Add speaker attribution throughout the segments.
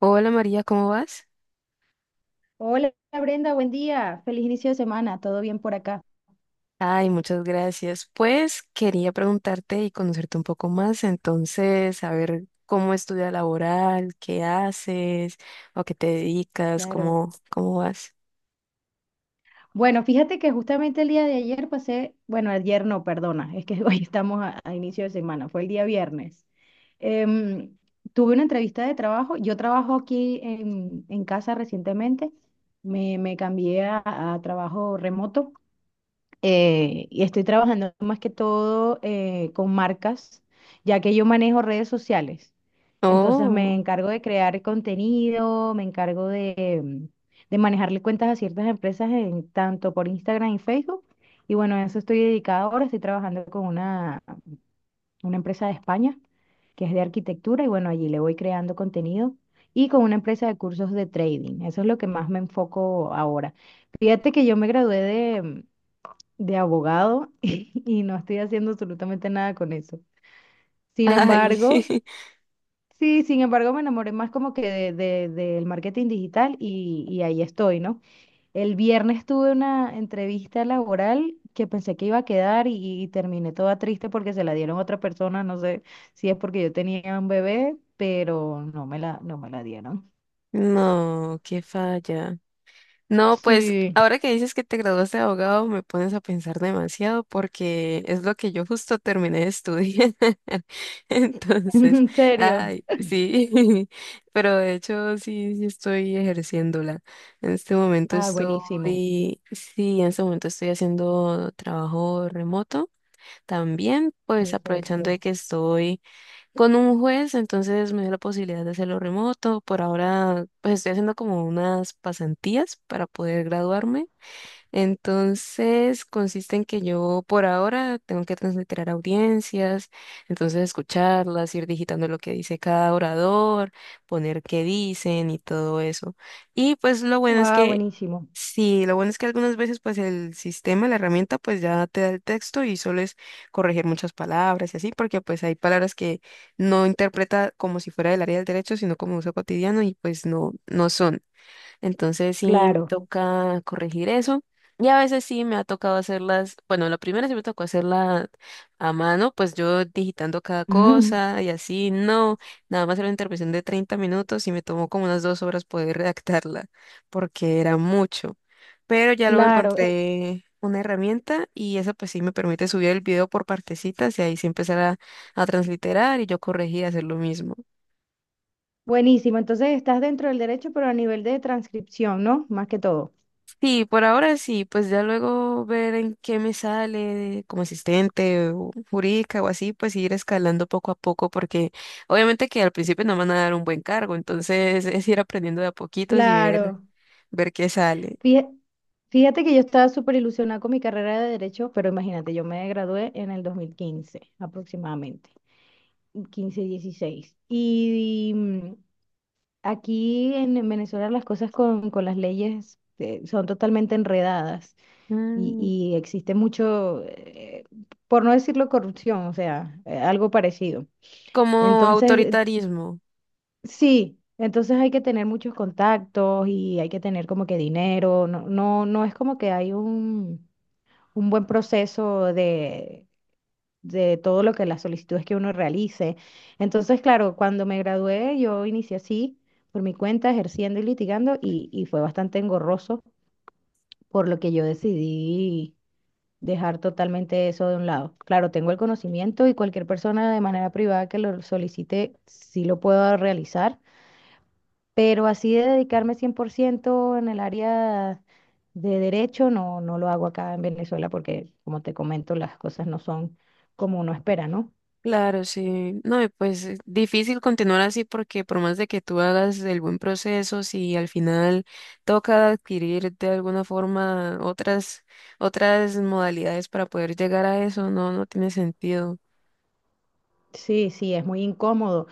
Speaker 1: Hola María, ¿cómo vas?
Speaker 2: Hola Brenda, buen día. Feliz inicio de semana. ¿Todo bien por acá?
Speaker 1: Ay, muchas gracias. Pues quería preguntarte y conocerte un poco más, entonces, saber cómo es tu vida laboral, qué haces, o a qué te dedicas,
Speaker 2: Claro.
Speaker 1: cómo vas.
Speaker 2: Bueno, fíjate que justamente el día de ayer pasé, bueno, ayer no, perdona, es que hoy estamos a inicio de semana, fue el día viernes. Em, Tuve una entrevista de trabajo. Yo trabajo aquí en casa recientemente. Me cambié a trabajo remoto. Y estoy trabajando más que todo con marcas, ya que yo manejo redes sociales. Entonces me
Speaker 1: Oh,
Speaker 2: encargo de crear contenido, me encargo de manejarle cuentas a ciertas empresas en tanto por Instagram y Facebook. Y bueno, a eso estoy dedicada ahora. Estoy trabajando con una empresa de España que es de arquitectura y bueno, allí le voy creando contenido y con una empresa de cursos de trading. Eso es lo que más me enfoco ahora. Fíjate que yo me gradué de abogado y no estoy haciendo absolutamente nada con eso. Sin
Speaker 1: ay,
Speaker 2: embargo, sí, sin embargo me enamoré más como que del marketing digital y ahí estoy, ¿no? El viernes tuve una entrevista laboral que pensé que iba a quedar y terminé toda triste porque se la dieron a otra persona, no sé si es porque yo tenía un bebé, pero no me la dieron.
Speaker 1: no, qué falla. No, pues
Speaker 2: Sí,
Speaker 1: ahora que dices que te graduaste de abogado, me pones a pensar demasiado porque es lo que yo justo terminé de estudiar. Entonces,
Speaker 2: en serio.
Speaker 1: ay, sí, pero de hecho sí, sí estoy ejerciéndola.
Speaker 2: Ah, buenísimo.
Speaker 1: En este momento estoy haciendo trabajo remoto. También, pues aprovechando de
Speaker 2: Perfecto.
Speaker 1: que estoy con un juez, entonces me dio la posibilidad de hacerlo remoto. Por ahora, pues estoy haciendo como unas pasantías para poder graduarme. Entonces, consiste en que yo por ahora tengo que transliterar audiencias, entonces escucharlas, ir digitando lo que dice cada orador, poner qué dicen y todo eso. Y pues lo bueno es
Speaker 2: Wow,
Speaker 1: que
Speaker 2: buenísimo.
Speaker 1: sí, lo bueno es que algunas veces pues el sistema, la herramienta pues ya te da el texto y solo es corregir muchas palabras y así, porque pues hay palabras que no interpreta como si fuera del área del derecho, sino como uso cotidiano y pues no, no son. Entonces sí me
Speaker 2: Claro.
Speaker 1: toca corregir eso. Y a veces sí me ha tocado hacerlas, bueno, la primera sí me tocó hacerla a mano, pues yo digitando cada cosa y así, no, nada más era una intervención de 30 minutos y me tomó como unas 2 horas poder redactarla, porque era mucho. Pero ya luego
Speaker 2: Claro,
Speaker 1: encontré una herramienta y esa pues sí me permite subir el video por partecitas y ahí sí empezar a transliterar y yo corregir y hacer lo mismo.
Speaker 2: buenísimo. Entonces estás dentro del derecho, pero a nivel de transcripción, ¿no? Más que todo.
Speaker 1: Sí, por ahora sí, pues ya luego ver en qué me sale como asistente o jurídica o así, pues ir escalando poco a poco, porque obviamente que al principio no me van a dar un buen cargo, entonces es ir aprendiendo de a poquitos y ver,
Speaker 2: Claro.
Speaker 1: ver qué sale.
Speaker 2: Fíjate, fíjate que yo estaba súper ilusionada con mi carrera de derecho, pero imagínate, yo me gradué en el 2015, aproximadamente, 15 16. Y, mm, aquí en Venezuela las cosas con las leyes son totalmente enredadas y,
Speaker 1: Mm,
Speaker 2: y existe mucho, por no decirlo corrupción, o sea, algo parecido.
Speaker 1: como
Speaker 2: Entonces,
Speaker 1: autoritarismo.
Speaker 2: sí, entonces hay que tener muchos contactos y hay que tener como que dinero. No, no, no es como que hay un buen proceso de todo lo que las solicitudes que uno realice. Entonces, claro, cuando me gradué, yo inicié así, por mi cuenta, ejerciendo y litigando, y fue bastante engorroso, por lo que yo decidí dejar totalmente eso de un lado. Claro, tengo el conocimiento y cualquier persona de manera privada que lo solicite, sí lo puedo realizar. Pero así de dedicarme 100% en el área de derecho, no, no lo hago acá en Venezuela porque, como te comento, las cosas no son como uno espera, ¿no?
Speaker 1: Claro, sí. No, y pues difícil continuar así porque por más de que tú hagas el buen proceso, si al final toca adquirir de alguna forma otras modalidades para poder llegar a eso, no, no tiene sentido.
Speaker 2: Sí, sí, es muy incómodo.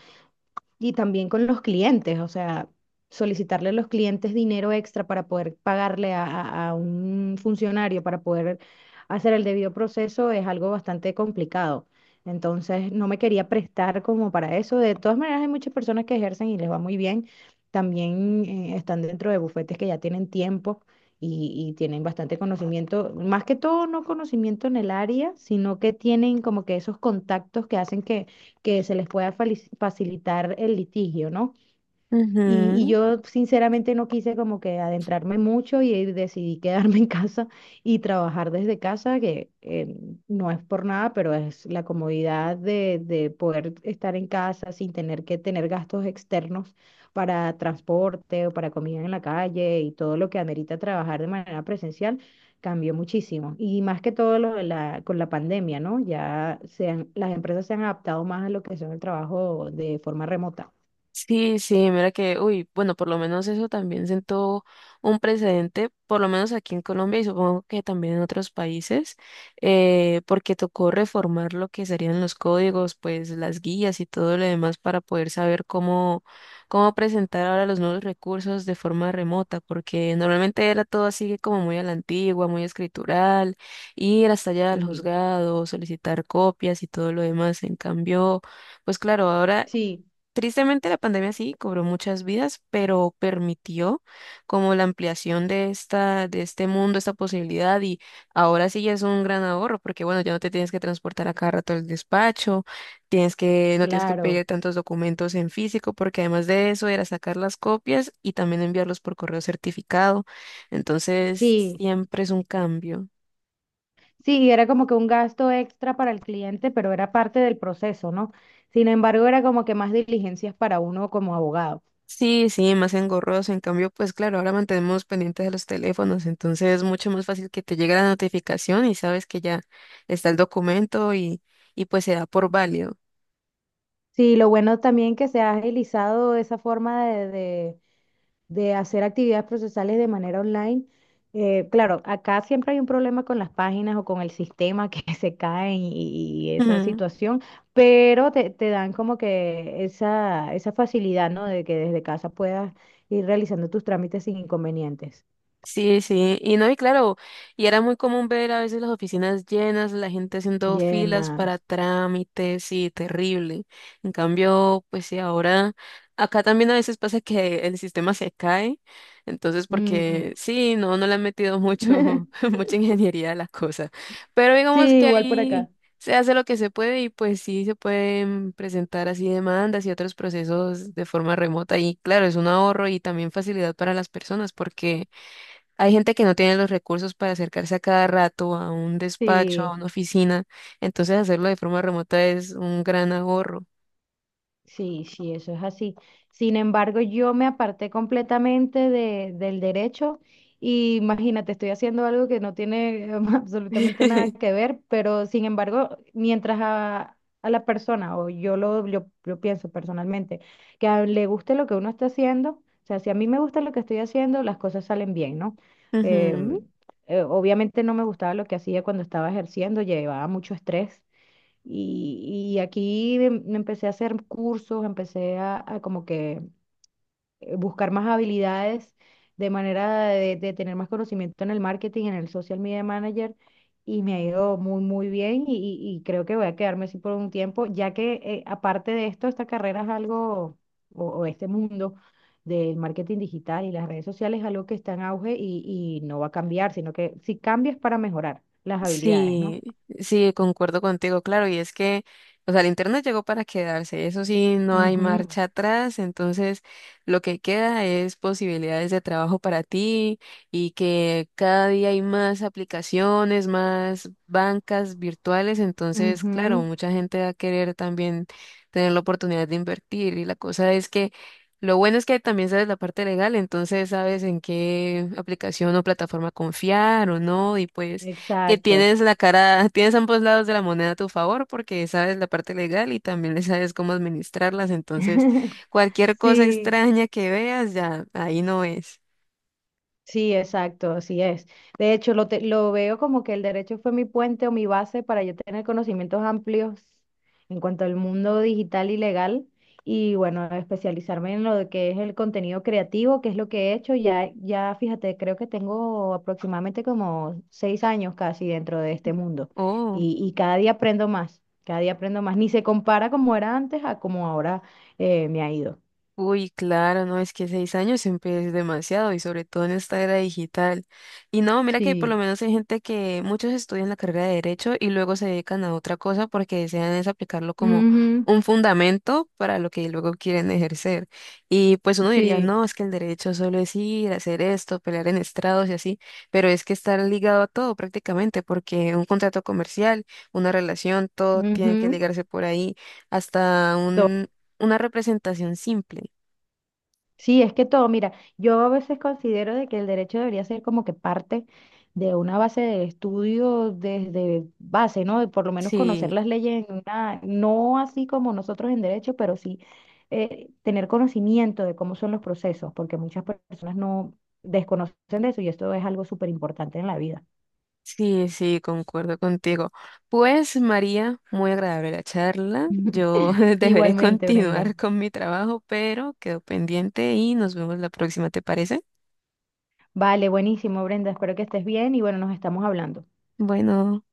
Speaker 2: Y también con los clientes, o sea, solicitarle a los clientes dinero extra para poder pagarle a un funcionario para poder hacer el debido proceso es algo bastante complicado. Entonces, no me quería prestar como para eso. De todas maneras, hay muchas personas que ejercen y les va muy bien. También están dentro de bufetes que ya tienen tiempo y tienen bastante conocimiento, más que todo no conocimiento en el área, sino que tienen como que esos contactos que hacen que se les pueda facilitar el litigio, ¿no? Y
Speaker 1: Ujú.
Speaker 2: yo sinceramente no quise como que adentrarme mucho y decidí quedarme en casa y trabajar desde casa, que no es por nada, pero es la comodidad de poder estar en casa sin tener que tener gastos externos para transporte o para comida en la calle y todo lo que amerita trabajar de manera presencial cambió muchísimo. Y más que todo lo de la, con la pandemia, ¿no? Ya se han- las empresas se han adaptado más a lo que son el trabajo de forma remota.
Speaker 1: Sí, sí, mira que, uy, bueno, por lo menos eso también sentó un precedente, por lo menos aquí en Colombia y supongo que también en otros países, porque tocó reformar lo que serían los códigos, pues las guías y todo lo demás para poder saber cómo, cómo presentar ahora los nuevos recursos de forma remota, porque normalmente era todo así como muy a la antigua, muy escritural, ir hasta allá al
Speaker 2: Y
Speaker 1: juzgado, solicitar copias y todo lo demás. En cambio, pues claro, ahora
Speaker 2: sí.
Speaker 1: tristemente, la pandemia sí cobró muchas vidas, pero permitió como la ampliación de esta, de este mundo, esta posibilidad, y ahora sí ya es un gran ahorro, porque bueno, ya no te tienes que transportar a cada rato al despacho, no tienes que
Speaker 2: Claro,
Speaker 1: pedir tantos documentos en físico, porque además de eso era sacar las copias y también enviarlos por correo certificado. Entonces,
Speaker 2: sí,
Speaker 1: siempre es un cambio.
Speaker 2: sí, era como que un gasto extra para el cliente, pero era parte del proceso, ¿no? Sin embargo, era como que más diligencias para uno como abogado.
Speaker 1: Sí, sí, más engorroso. En cambio, pues claro, ahora mantenemos pendientes de los teléfonos, entonces es mucho más fácil que te llegue la notificación y sabes que ya está el documento y pues se da por válido.
Speaker 2: Sí, lo bueno también que se ha agilizado esa forma de hacer actividades procesales de manera online. Claro, acá siempre hay un problema con las páginas o con el sistema que se caen y esa situación, pero te dan como que esa facilidad, ¿no? De que desde casa puedas ir realizando tus trámites sin inconvenientes.
Speaker 1: Sí, sí, y no, y claro, y era muy común ver a veces las oficinas llenas, la gente haciendo filas para
Speaker 2: Llenas.
Speaker 1: trámites y terrible. En cambio, pues sí, ahora acá también a veces pasa que el sistema se cae, entonces
Speaker 2: Mm.
Speaker 1: porque sí, no, no le han metido mucho, mucha ingeniería a la cosa, pero
Speaker 2: Sí,
Speaker 1: digamos que
Speaker 2: igual por
Speaker 1: ahí
Speaker 2: acá.
Speaker 1: se hace lo que se puede y pues sí se pueden presentar así demandas y otros procesos de forma remota y claro, es un ahorro y también facilidad para las personas porque hay gente que no tiene los recursos para acercarse a cada rato a un despacho,
Speaker 2: Sí.
Speaker 1: a una oficina, entonces hacerlo de forma remota es un gran ahorro.
Speaker 2: Sí, sí, eso es así. Sin embargo, yo me aparté completamente del derecho y imagínate, estoy haciendo algo que no tiene absolutamente nada que ver, pero sin embargo, mientras a la persona, o yo pienso personalmente, que le guste lo que uno está haciendo, o sea, si a mí me gusta lo que estoy haciendo, las cosas salen bien, ¿no?
Speaker 1: Ujú.
Speaker 2: Em, Obviamente no me gustaba lo que hacía cuando estaba ejerciendo, llevaba mucho estrés y aquí me empecé a hacer cursos, empecé a como que buscar más habilidades de manera de tener más conocimiento en el marketing, en el social media manager, y me ha ido muy, muy bien y creo que voy a quedarme así por un tiempo, ya que aparte de esto, esta carrera es algo, o este mundo del marketing digital y las redes sociales es algo que está en auge y no va a cambiar, sino que si cambias para mejorar las habilidades, ¿no?
Speaker 1: Sí, sí, concuerdo contigo, claro, y es que, o sea, el internet llegó para quedarse, eso sí, no hay
Speaker 2: Ujú,
Speaker 1: marcha atrás, entonces lo que queda es posibilidades de trabajo para ti y que cada día hay más aplicaciones, más bancas virtuales, entonces, claro,
Speaker 2: ujú.
Speaker 1: mucha gente va a querer también tener la oportunidad de invertir y la cosa es que lo bueno es que también sabes la parte legal, entonces sabes en qué aplicación o plataforma confiar o no, y pues que
Speaker 2: Exacto.
Speaker 1: tienes la cara, tienes ambos lados de la moneda a tu favor porque sabes la parte legal y también le sabes cómo administrarlas. Entonces, cualquier cosa
Speaker 2: Sí,
Speaker 1: extraña que veas, ya ahí no es.
Speaker 2: sí, exacto, así es. De hecho, lo veo como que el derecho fue mi puente o mi base para yo tener conocimientos amplios en cuanto al mundo digital y legal y bueno, especializarme en lo de que es el contenido creativo, que es lo que he hecho. Ya, ya fíjate, creo que tengo aproximadamente como 6 años casi dentro de este mundo
Speaker 1: Oh.
Speaker 2: y cada día aprendo más, cada día aprendo más. Ni se compara como era antes a como ahora me ha ido.
Speaker 1: Uy, claro, no, es que 6 años siempre es demasiado y sobre todo en esta era digital. Y no, mira que por lo
Speaker 2: Sí.
Speaker 1: menos hay gente que muchos estudian la carrera de derecho y luego se dedican a otra cosa porque desean es aplicarlo como
Speaker 2: Ujú,
Speaker 1: un fundamento para lo que luego quieren ejercer. Y pues uno diría,
Speaker 2: sí,
Speaker 1: no, es que el derecho solo es ir, hacer esto, pelear en estrados y así, pero es que estar ligado a todo prácticamente porque un contrato comercial, una relación, todo tiene que
Speaker 2: ujú,
Speaker 1: ligarse por ahí, hasta
Speaker 2: todo.
Speaker 1: un... una representación simple.
Speaker 2: Sí, es que todo, mira, yo a veces considero de que el derecho debería ser como que parte de una base de estudio desde base, ¿no? De por lo menos
Speaker 1: Sí,
Speaker 2: conocer las leyes en una, no así como nosotros en derecho, pero sí tener conocimiento de cómo son los procesos, porque muchas personas no desconocen de eso y esto es algo súper importante en la vida.
Speaker 1: sí, concuerdo contigo. Pues María, muy agradable la charla. Yo deberé
Speaker 2: Igualmente,
Speaker 1: continuar
Speaker 2: Brenda.
Speaker 1: con mi trabajo, pero quedo pendiente y nos vemos la próxima, ¿te parece?
Speaker 2: Vale, buenísimo, Brenda. Espero que estés bien y bueno, nos estamos hablando.
Speaker 1: Bueno.